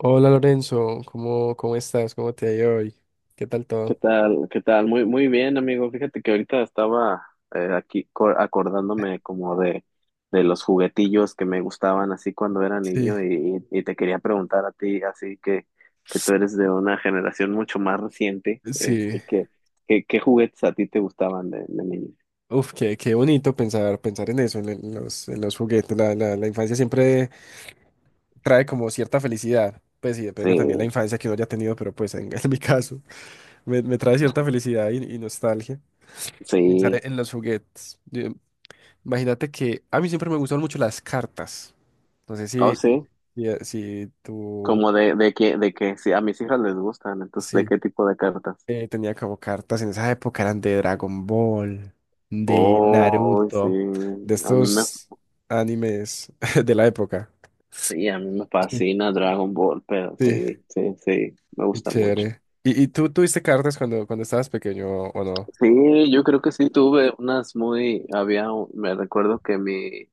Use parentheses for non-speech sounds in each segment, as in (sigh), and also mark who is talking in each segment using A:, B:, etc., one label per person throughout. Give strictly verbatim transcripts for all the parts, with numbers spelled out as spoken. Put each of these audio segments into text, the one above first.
A: Hola Lorenzo, ¿cómo, cómo estás? ¿Cómo te ha ido hoy? ¿Qué tal
B: ¿Qué
A: todo?
B: tal? ¿Qué tal? Muy, muy bien, amigo. Fíjate que ahorita estaba eh, aquí co- acordándome como de, de los juguetillos que me gustaban así cuando era
A: Sí,
B: niño y, y te quería preguntar a ti, así que, que tú eres de una generación mucho más reciente,
A: sí.
B: este, ¿qué, qué, qué juguetes a ti te gustaban de, de niño?
A: Uf, qué, qué bonito pensar, pensar en eso, en, en los, en los juguetes. La, la, la infancia siempre trae como cierta felicidad. Pues sí,
B: Sí,
A: depende también la infancia que uno haya tenido, pero pues en, (laughs) en mi caso me, me trae cierta felicidad y, y nostalgia. Pensar
B: sí,
A: en los juguetes. Yo- imagínate que a mí siempre me gustaron mucho las cartas. No sé
B: oh
A: si,
B: sí,
A: si, si tú...
B: como de, de que, de que sí, a mis hijas les gustan, entonces, ¿de
A: Sí.
B: qué tipo de cartas?
A: Eh, tenía como cartas en esa época, eran de Dragon Ball, de
B: Oh, sí,
A: Naruto, de
B: a mí me
A: estos animes (laughs) de la época.
B: sí, a mí me
A: Sí,
B: fascina Dragon Ball, pero
A: sí,
B: sí, sí, sí, me
A: qué
B: gusta mucho.
A: chévere. ¿Y, y tú tuviste cartas cuando, cuando estabas pequeño o no?
B: Sí, yo creo que sí tuve unas muy, había, un- me recuerdo que mi,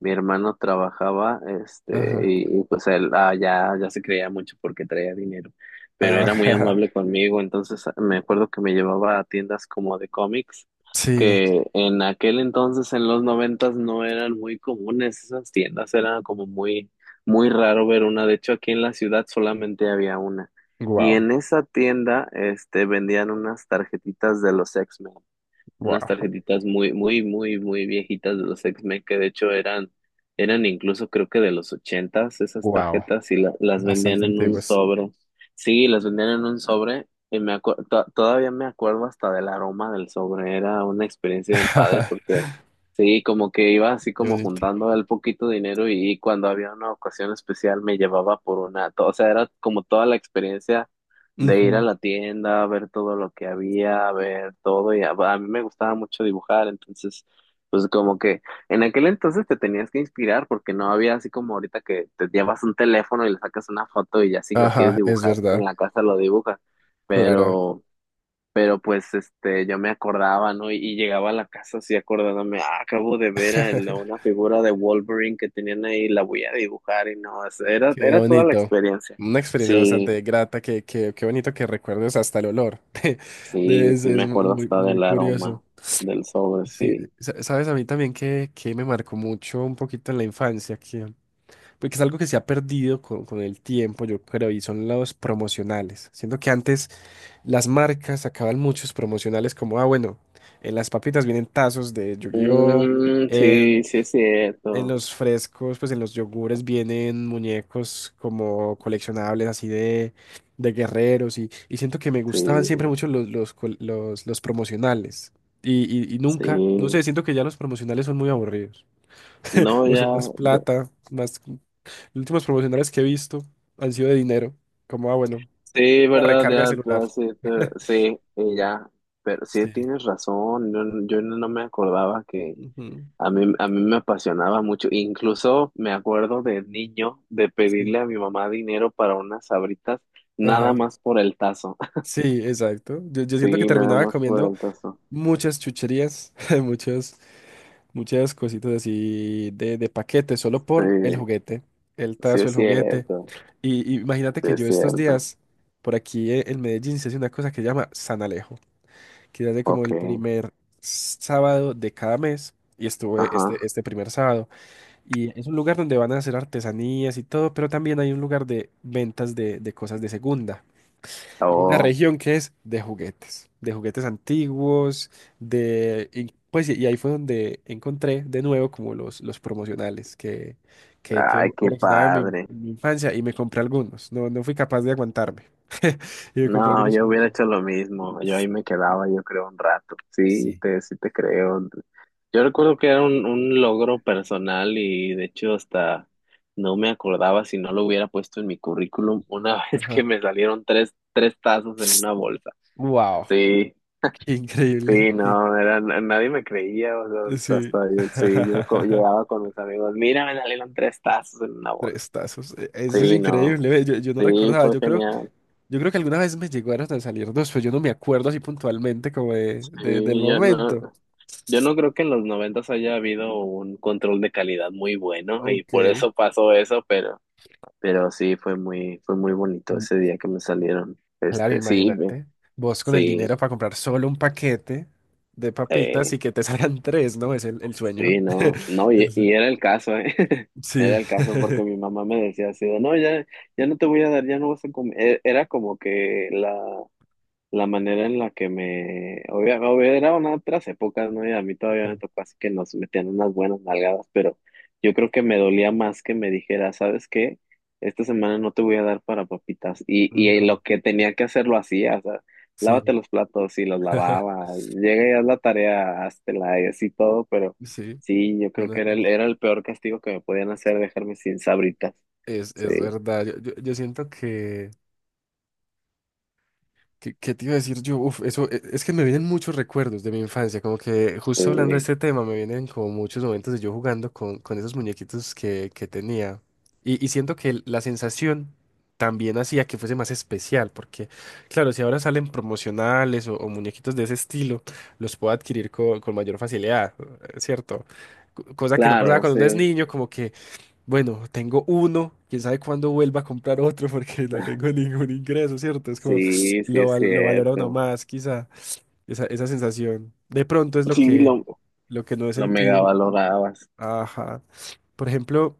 B: Mi hermano trabajaba, este,
A: Ajá.
B: y, y, pues él ah, ya, ya se creía mucho porque traía dinero, pero era muy
A: Ah,
B: amable conmigo, entonces ah, me acuerdo que me llevaba a tiendas como de cómics,
A: (laughs) sí,
B: que en aquel entonces, en los noventas, no eran muy comunes esas tiendas, era como muy, muy raro ver una. De hecho aquí en la ciudad solamente había una, y
A: wow,
B: en esa tienda, este, vendían unas tarjetitas de los X-Men, unas
A: wow,
B: tarjetitas muy, muy, muy, muy viejitas de los X-Men, que de hecho eran, eran incluso creo que de los ochentas esas
A: wow,
B: tarjetas y la- las vendían
A: bastante
B: en un
A: antiguas.
B: sobre. Sí, las vendían en un sobre y me acu- to- todavía me acuerdo hasta del aroma del sobre. Era una experiencia bien padre porque
A: (laughs)
B: sí, como que iba así
A: Qué
B: como
A: bonito.
B: juntando el poquito dinero y, cuando había una ocasión especial, me llevaba por una, to- o sea, era como toda la experiencia de ir a
A: Ujú.
B: la tienda, a ver todo lo que había, a ver todo, y a, a mí me gustaba mucho dibujar. Entonces, pues como que en aquel entonces te tenías que inspirar porque no había así como ahorita que te llevas un teléfono y le sacas una foto y ya, si lo quieres
A: Ajá, es
B: dibujar en
A: verdad,
B: la casa, lo dibujas,
A: claro.
B: pero, pero pues este, yo me acordaba, ¿no? Y, y llegaba a la casa así acordándome, ah, acabo de ver a la-
A: (laughs)
B: una figura de Wolverine que tenían ahí, la voy a dibujar. Y no, es- era,
A: Qué
B: era toda la
A: bonito.
B: experiencia.
A: Una experiencia
B: Sí.
A: bastante grata, que, que- qué bonito que recuerdes hasta el olor. (laughs) De-
B: Sí,
A: Es,
B: sí
A: es
B: me
A: muy,
B: acuerdo
A: muy
B: hasta
A: muy
B: del
A: curioso.
B: aroma del sobre,
A: Sí,
B: sí.
A: sa- sabes, a mí también que, que me marcó mucho un poquito en la infancia, que, porque es algo que se ha perdido con, con el tiempo, yo creo, y son los promocionales. Siento que antes las marcas sacaban muchos promocionales como, ah, bueno, en las papitas vienen tazos de Yu-Gi-Oh!
B: Mm, sí, sí es
A: En
B: cierto.
A: los frescos, pues en los yogures vienen muñecos como coleccionables así de, de guerreros y, y siento que me gustaban siempre
B: Sí,
A: mucho los, los, col- los, los promocionales. Y, y, y nunca, no
B: sí.
A: sé, siento que ya los promocionales son muy aburridos.
B: No,
A: O
B: ya.
A: son más
B: de-
A: plata, más... Los últimos promocionales que he visto han sido de dinero. Como, ah, bueno,
B: Sí,
A: una
B: verdad,
A: recarga de
B: ya.
A: celular.
B: Ya, sí, te-
A: (laughs)
B: sí, y ya. Pero sí
A: Sí.
B: tienes razón. Yo, yo no me acordaba que
A: Ujú.
B: a mí, a mí me apasionaba mucho. Incluso me acuerdo
A: Sí.
B: de niño de
A: Sí.
B: pedirle a mi mamá dinero para unas sabritas, nada
A: Ajá.
B: más por el tazo. (laughs)
A: Sí, exacto. Yo, yo siento que
B: Sí, nada
A: terminaba
B: más por
A: comiendo
B: el tazo.
A: muchas chucherías, (laughs) muchos muchas cositas así de, de paquete, solo por el
B: Sí,
A: juguete, el
B: sí
A: tazo,
B: es
A: el juguete.
B: cierto.
A: Y, y imagínate
B: Sí,
A: que
B: es
A: yo estos
B: cierto.
A: días, por aquí eh, en Medellín, se hace una cosa que se llama San Alejo, que se hace como
B: Ok,
A: el primer sábado de cada mes, y estuve este,
B: ajá.
A: este primer sábado. Y es un lugar donde van a hacer artesanías y todo, pero también hay un lugar de ventas de, de cosas de segunda. Y hay una
B: Oh,
A: región que es de juguetes, de juguetes antiguos, de... Y, pues, sí, y ahí fue donde encontré de nuevo como los, los promocionales que, que, que
B: ay, qué
A: coleccionaba en mi,
B: padre.
A: en mi infancia y me compré algunos. No, no fui capaz de aguantarme. (laughs) Y me compré
B: No,
A: algunos
B: yo hubiera
A: promocionales.
B: hecho lo mismo. Yo ahí me quedaba, yo creo, un rato. Sí,
A: Sí.
B: te, sí te creo. Yo recuerdo que era un, un logro personal y de hecho hasta no me acordaba, si no lo hubiera puesto en mi currículum una (laughs) vez que
A: Ajá.
B: me salieron tres, tres tazos en una bolsa.
A: Wow,
B: Sí,
A: qué increíble.
B: sí,
A: (laughs)
B: no, era, na- nadie me creía, o sea,
A: Sí.
B: hasta yo, sí, yo co-
A: (laughs)
B: llegaba con mis amigos: mira, me salieron tres tazos en una bolsa.
A: Prestazos. e- Eso es
B: Sí, no,
A: increíble. ve, Yo, yo no
B: sí,
A: recordaba.
B: fue
A: Yo creo
B: genial.
A: Yo creo que alguna vez me llegaron a salir dos, pero yo no me acuerdo así puntualmente como de, de- del
B: Sí, yo no,
A: momento.
B: yo no creo que en los noventas haya habido un control de calidad muy bueno y
A: Ok.
B: por eso pasó eso, pero, pero sí fue muy, fue muy bonito
A: Mm,
B: ese día que me salieron.
A: claro,
B: Este, sí, me-
A: imagínate. Vos con el dinero
B: sí,
A: para comprar solo un paquete de papitas y
B: eh,
A: que te (laughs) salgan tres, ¿no? Es el, el sueño.
B: sí, no, no,
A: (laughs)
B: y,
A: Es-
B: y era el caso, eh. (laughs) Era
A: Sí.
B: el caso porque
A: (laughs)
B: mi mamá me decía así, de, no, ya, ya no te voy a dar, ya no vas a comer. E- Era como que la la manera en la que me... obvia- obvia- Eran otras épocas, ¿no? Y a mí todavía
A: Sí.
B: me tocó así que nos metían unas buenas nalgadas, pero yo creo que me dolía más que me dijera, ¿sabes qué? Esta semana no te voy a dar para papitas. Y, y
A: No.
B: lo que tenía que hacer lo hacía, o sea, lávate
A: Sí.
B: los platos y los lavaba,
A: (laughs)
B: llega y haz la tarea, háztela, y así todo, pero
A: Sí.
B: sí, yo
A: no,
B: creo
A: no,
B: que era
A: no.
B: el, era el peor castigo que me podían hacer, dejarme sin sabritas.
A: Es, es
B: Sí,
A: verdad. Yo, yo- yo siento que... ¿Qué, qué te iba a decir yo? Uf, eso e- es que me vienen muchos recuerdos de mi infancia, como que justo hablando de
B: sí,
A: este tema me vienen como muchos momentos de yo jugando con, con esos muñequitos que, que tenía. Y, y siento que la sensación también hacía que fuese más especial, porque claro, si ahora salen promocionales o, o muñequitos de ese estilo, los puedo adquirir co- con mayor facilidad, ¿cierto? Co- Cosa que no pasaba
B: claro,
A: cuando
B: sí,
A: uno es niño, como que bueno, tengo uno, quién sabe cuándo vuelva a comprar otro porque no tengo (laughs) ningún ingreso, ¿cierto? Es como
B: sí, sí
A: lo,
B: es
A: val- lo valora uno
B: cierto.
A: más, quizá, esa, esa sensación. De pronto es lo
B: Sí,
A: que,
B: lo,
A: lo que no he
B: lo mega
A: sentido.
B: valorabas.
A: Ajá. Por ejemplo,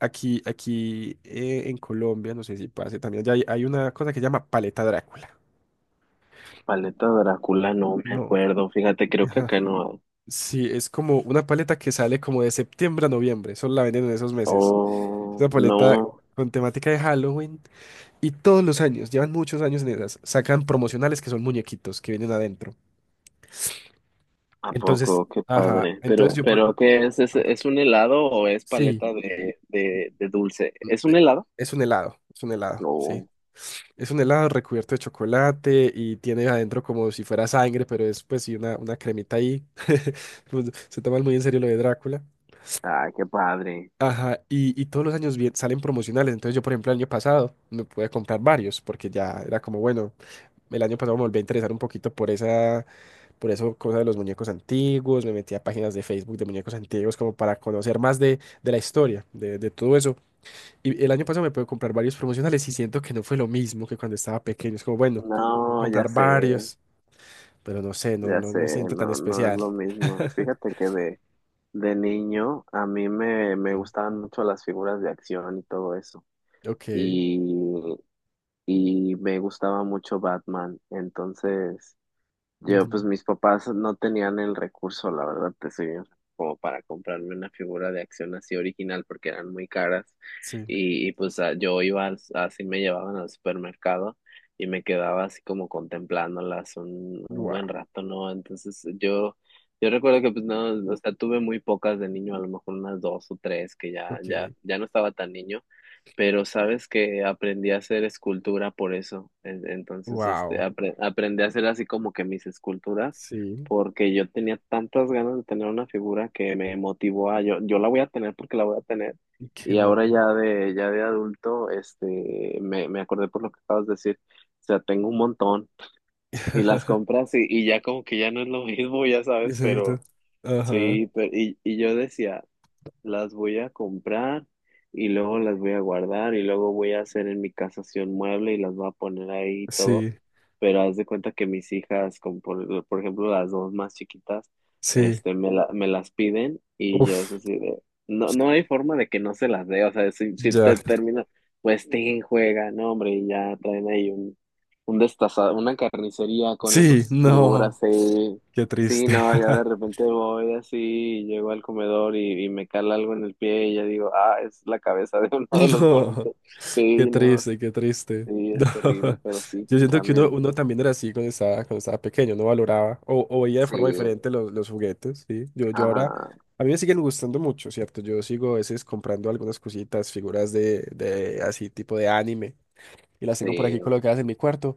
A: aquí, aquí eh, en Colombia, no sé si pase también, allá hay, hay una cosa que se llama paleta Drácula.
B: Paleta Drácula, no me
A: No.
B: acuerdo. Fíjate, creo que acá
A: Ajá.
B: no hay.
A: Sí, es como una paleta que sale como de septiembre a noviembre, solo la venden en esos meses. Esa
B: Oh,
A: paleta
B: no,
A: con temática de Halloween. Y todos los años, llevan muchos años en esas, sacan promocionales que son muñequitos que vienen adentro.
B: ¿a
A: Entonces,
B: poco? Qué
A: ajá,
B: padre.
A: entonces
B: Pero,
A: yo por...
B: pero ¿qué es? ¿Es,
A: Anda.
B: es un helado o es
A: Sí,
B: paleta de, de, de dulce? ¿Es
A: eh,
B: un helado?
A: es un helado, es un helado, sí.
B: No.
A: Es un helado recubierto de chocolate y tiene adentro como si fuera sangre, pero es pues sí una, una cremita ahí. (laughs) Pues, se toman muy en serio lo de Drácula.
B: Ah, qué padre.
A: Ajá, y, y todos los años vie- salen promocionales. Entonces yo, por ejemplo, el año pasado me pude comprar varios porque ya era como, bueno, el año pasado me volví a interesar un poquito por esa Por eso, cosas de los muñecos antiguos, me metí a páginas de Facebook de muñecos antiguos como para conocer más de, de la historia, de, de todo eso. Y el año pasado me pude comprar varios promocionales y siento que no fue lo mismo que cuando estaba pequeño. Es como, bueno, me puedo
B: No, ya
A: comprar
B: sé,
A: varios, pero no sé, no,
B: ya
A: no
B: sé,
A: me siento tan
B: no, no es
A: especial.
B: lo mismo.
A: (laughs)
B: Fíjate que de, de niño a mí me, me
A: Sí.
B: gustaban mucho las figuras de acción y todo eso.
A: Ok.
B: Y y me gustaba mucho Batman. Entonces, yo, pues
A: Ujú.
B: mis papás no tenían el recurso, la verdad, te soy bien, como para comprarme una figura de acción así original porque eran muy caras.
A: Sí.
B: Y, y, pues a- yo iba, al- así me llevaban al supermercado y me quedaba así como contemplándolas un, un
A: Wow.
B: buen rato, ¿no? Entonces, yo... Yo recuerdo que pues no, o sea, tuve muy pocas de niño, a lo mejor unas dos o tres, que ya, ya,
A: Ok.
B: ya no estaba tan niño, pero sabes que aprendí a hacer escultura por eso. En- Entonces, este,
A: Wow.
B: apre- aprendí a hacer así como que mis esculturas,
A: Sí.
B: porque yo tenía tantas ganas de tener una figura que me motivó a yo, yo la voy a tener porque la voy a tener.
A: Qué
B: Y ahora
A: bueno.
B: ya de, ya de adulto, este, me, me acordé por lo que acabas de decir. O sea, tengo un montón y las
A: (laughs)
B: compras y, y ya como que ya no es lo mismo, ya sabes,
A: Exacto.
B: pero
A: Ajá.
B: sí. Pero, y, y yo decía: las voy a comprar y luego las voy a guardar y luego voy a hacer en mi casa así un mueble y las voy a poner ahí y todo.
A: Sí.
B: Pero haz de cuenta que mis hijas, como por, por ejemplo las dos más chiquitas,
A: Sí.
B: este, me, la- me las piden y yo es
A: Uf.
B: así de, no, no hay forma de que no se las dé. O sea, si, si
A: Ya.
B: te termina, pues te juega, no hombre, y ya traen ahí un, un destaza- una carnicería con
A: Sí,
B: esas
A: no,
B: figuras ahí.
A: qué
B: Sí,
A: triste.
B: no, ya de
A: (laughs)
B: repente voy así, y llego al comedor y, y me cala algo en el pie y ya digo, ah, es la cabeza de (laughs) uno de los
A: No,
B: monitos.
A: qué
B: Sí, no,
A: triste, qué triste.
B: sí,
A: No.
B: es terrible,
A: (laughs)
B: pero sí,
A: Yo siento que uno,
B: cambian.
A: uno también era así cuando estaba, cuando estaba pequeño, no valoraba o, o veía de
B: Sí,
A: forma diferente los, los juguetes, ¿sí? Yo, yo ahora,
B: ajá,
A: a mí me siguen gustando mucho, ¿cierto? Yo sigo a veces comprando algunas cositas, figuras de, de así tipo de anime, y las tengo por aquí
B: sí,
A: colocadas en mi cuarto.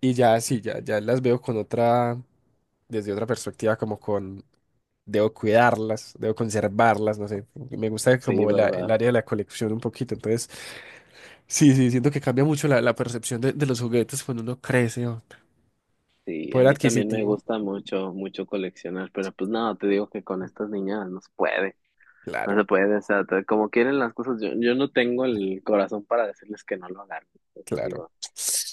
A: Y ya, sí, ya, ya las veo con otra, desde otra perspectiva, como con, debo cuidarlas, debo conservarlas, no sé. Me gusta
B: sí,
A: como la- el
B: verdad.
A: área de la colección un poquito. Entonces, sí, sí, siento que cambia mucho la, la percepción de, de los juguetes cuando uno crece, o
B: Sí, a
A: poder
B: mí también me
A: adquisitivo.
B: gusta mucho, mucho coleccionar, pero pues no, te digo que con estas niñas no se puede, no se
A: Claro,
B: puede, o sea, te- como quieren las cosas, yo, yo no tengo el corazón para decirles que no lo hagan. Entonces
A: claro.
B: digo,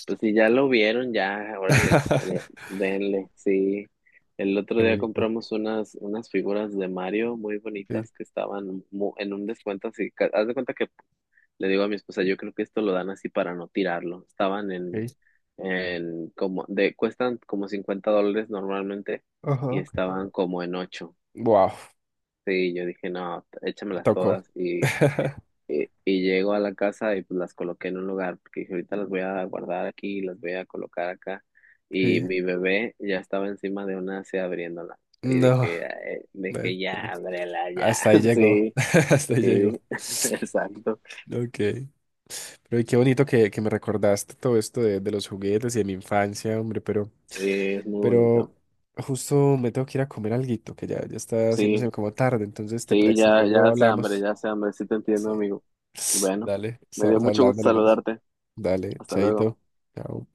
B: pues si ya lo vieron, ya, órale, eh,
A: (laughs)
B: denle, sí. El otro
A: Qué
B: día
A: bonito.
B: compramos unas, unas figuras de Mario muy
A: Sí,
B: bonitas que estaban mu- en un descuento así. ca- Haz de cuenta que le digo a mi esposa, yo creo que esto lo dan así para no tirarlo. Estaban en,
A: ok.
B: en como, de, cuestan como cincuenta dólares normalmente y
A: Ajá.
B: estaban como en ocho.
A: Wow,
B: Sí, yo dije, no, échamelas
A: tocó.
B: todas.
A: (laughs)
B: Y, y llego a la casa y pues las coloqué en un lugar, porque dije, ahorita las voy a guardar aquí, las voy a colocar acá.
A: Sí.
B: Y mi bebé ya estaba encima de una así abriéndola. Y
A: No,
B: dije, "Ay",
A: no,
B: dije,
A: no.
B: ya, ábrela, ya.
A: Hasta ahí
B: (laughs)
A: llegó.
B: Sí,
A: (laughs) Hasta ahí llegó.
B: sí, (laughs) exacto.
A: Ok. Pero y qué bonito que, que me recordaste todo esto de, de los juguetes y de mi infancia, hombre, pero,
B: Sí, es muy
A: pero
B: bonito.
A: justo me tengo que ir a comer alguito, que ya, ya está
B: Sí,
A: haciéndose como tarde, entonces te
B: sí,
A: presi,
B: ya, ya
A: luego
B: hace hambre,
A: hablamos.
B: ya hace hambre. Sí te entiendo,
A: Sí.
B: amigo.
A: (sniffs)
B: Bueno,
A: Dale,
B: me dio
A: estamos
B: mucho gusto
A: hablando, Lorenzo.
B: saludarte.
A: Dale,
B: Hasta luego.
A: chaito. Chao.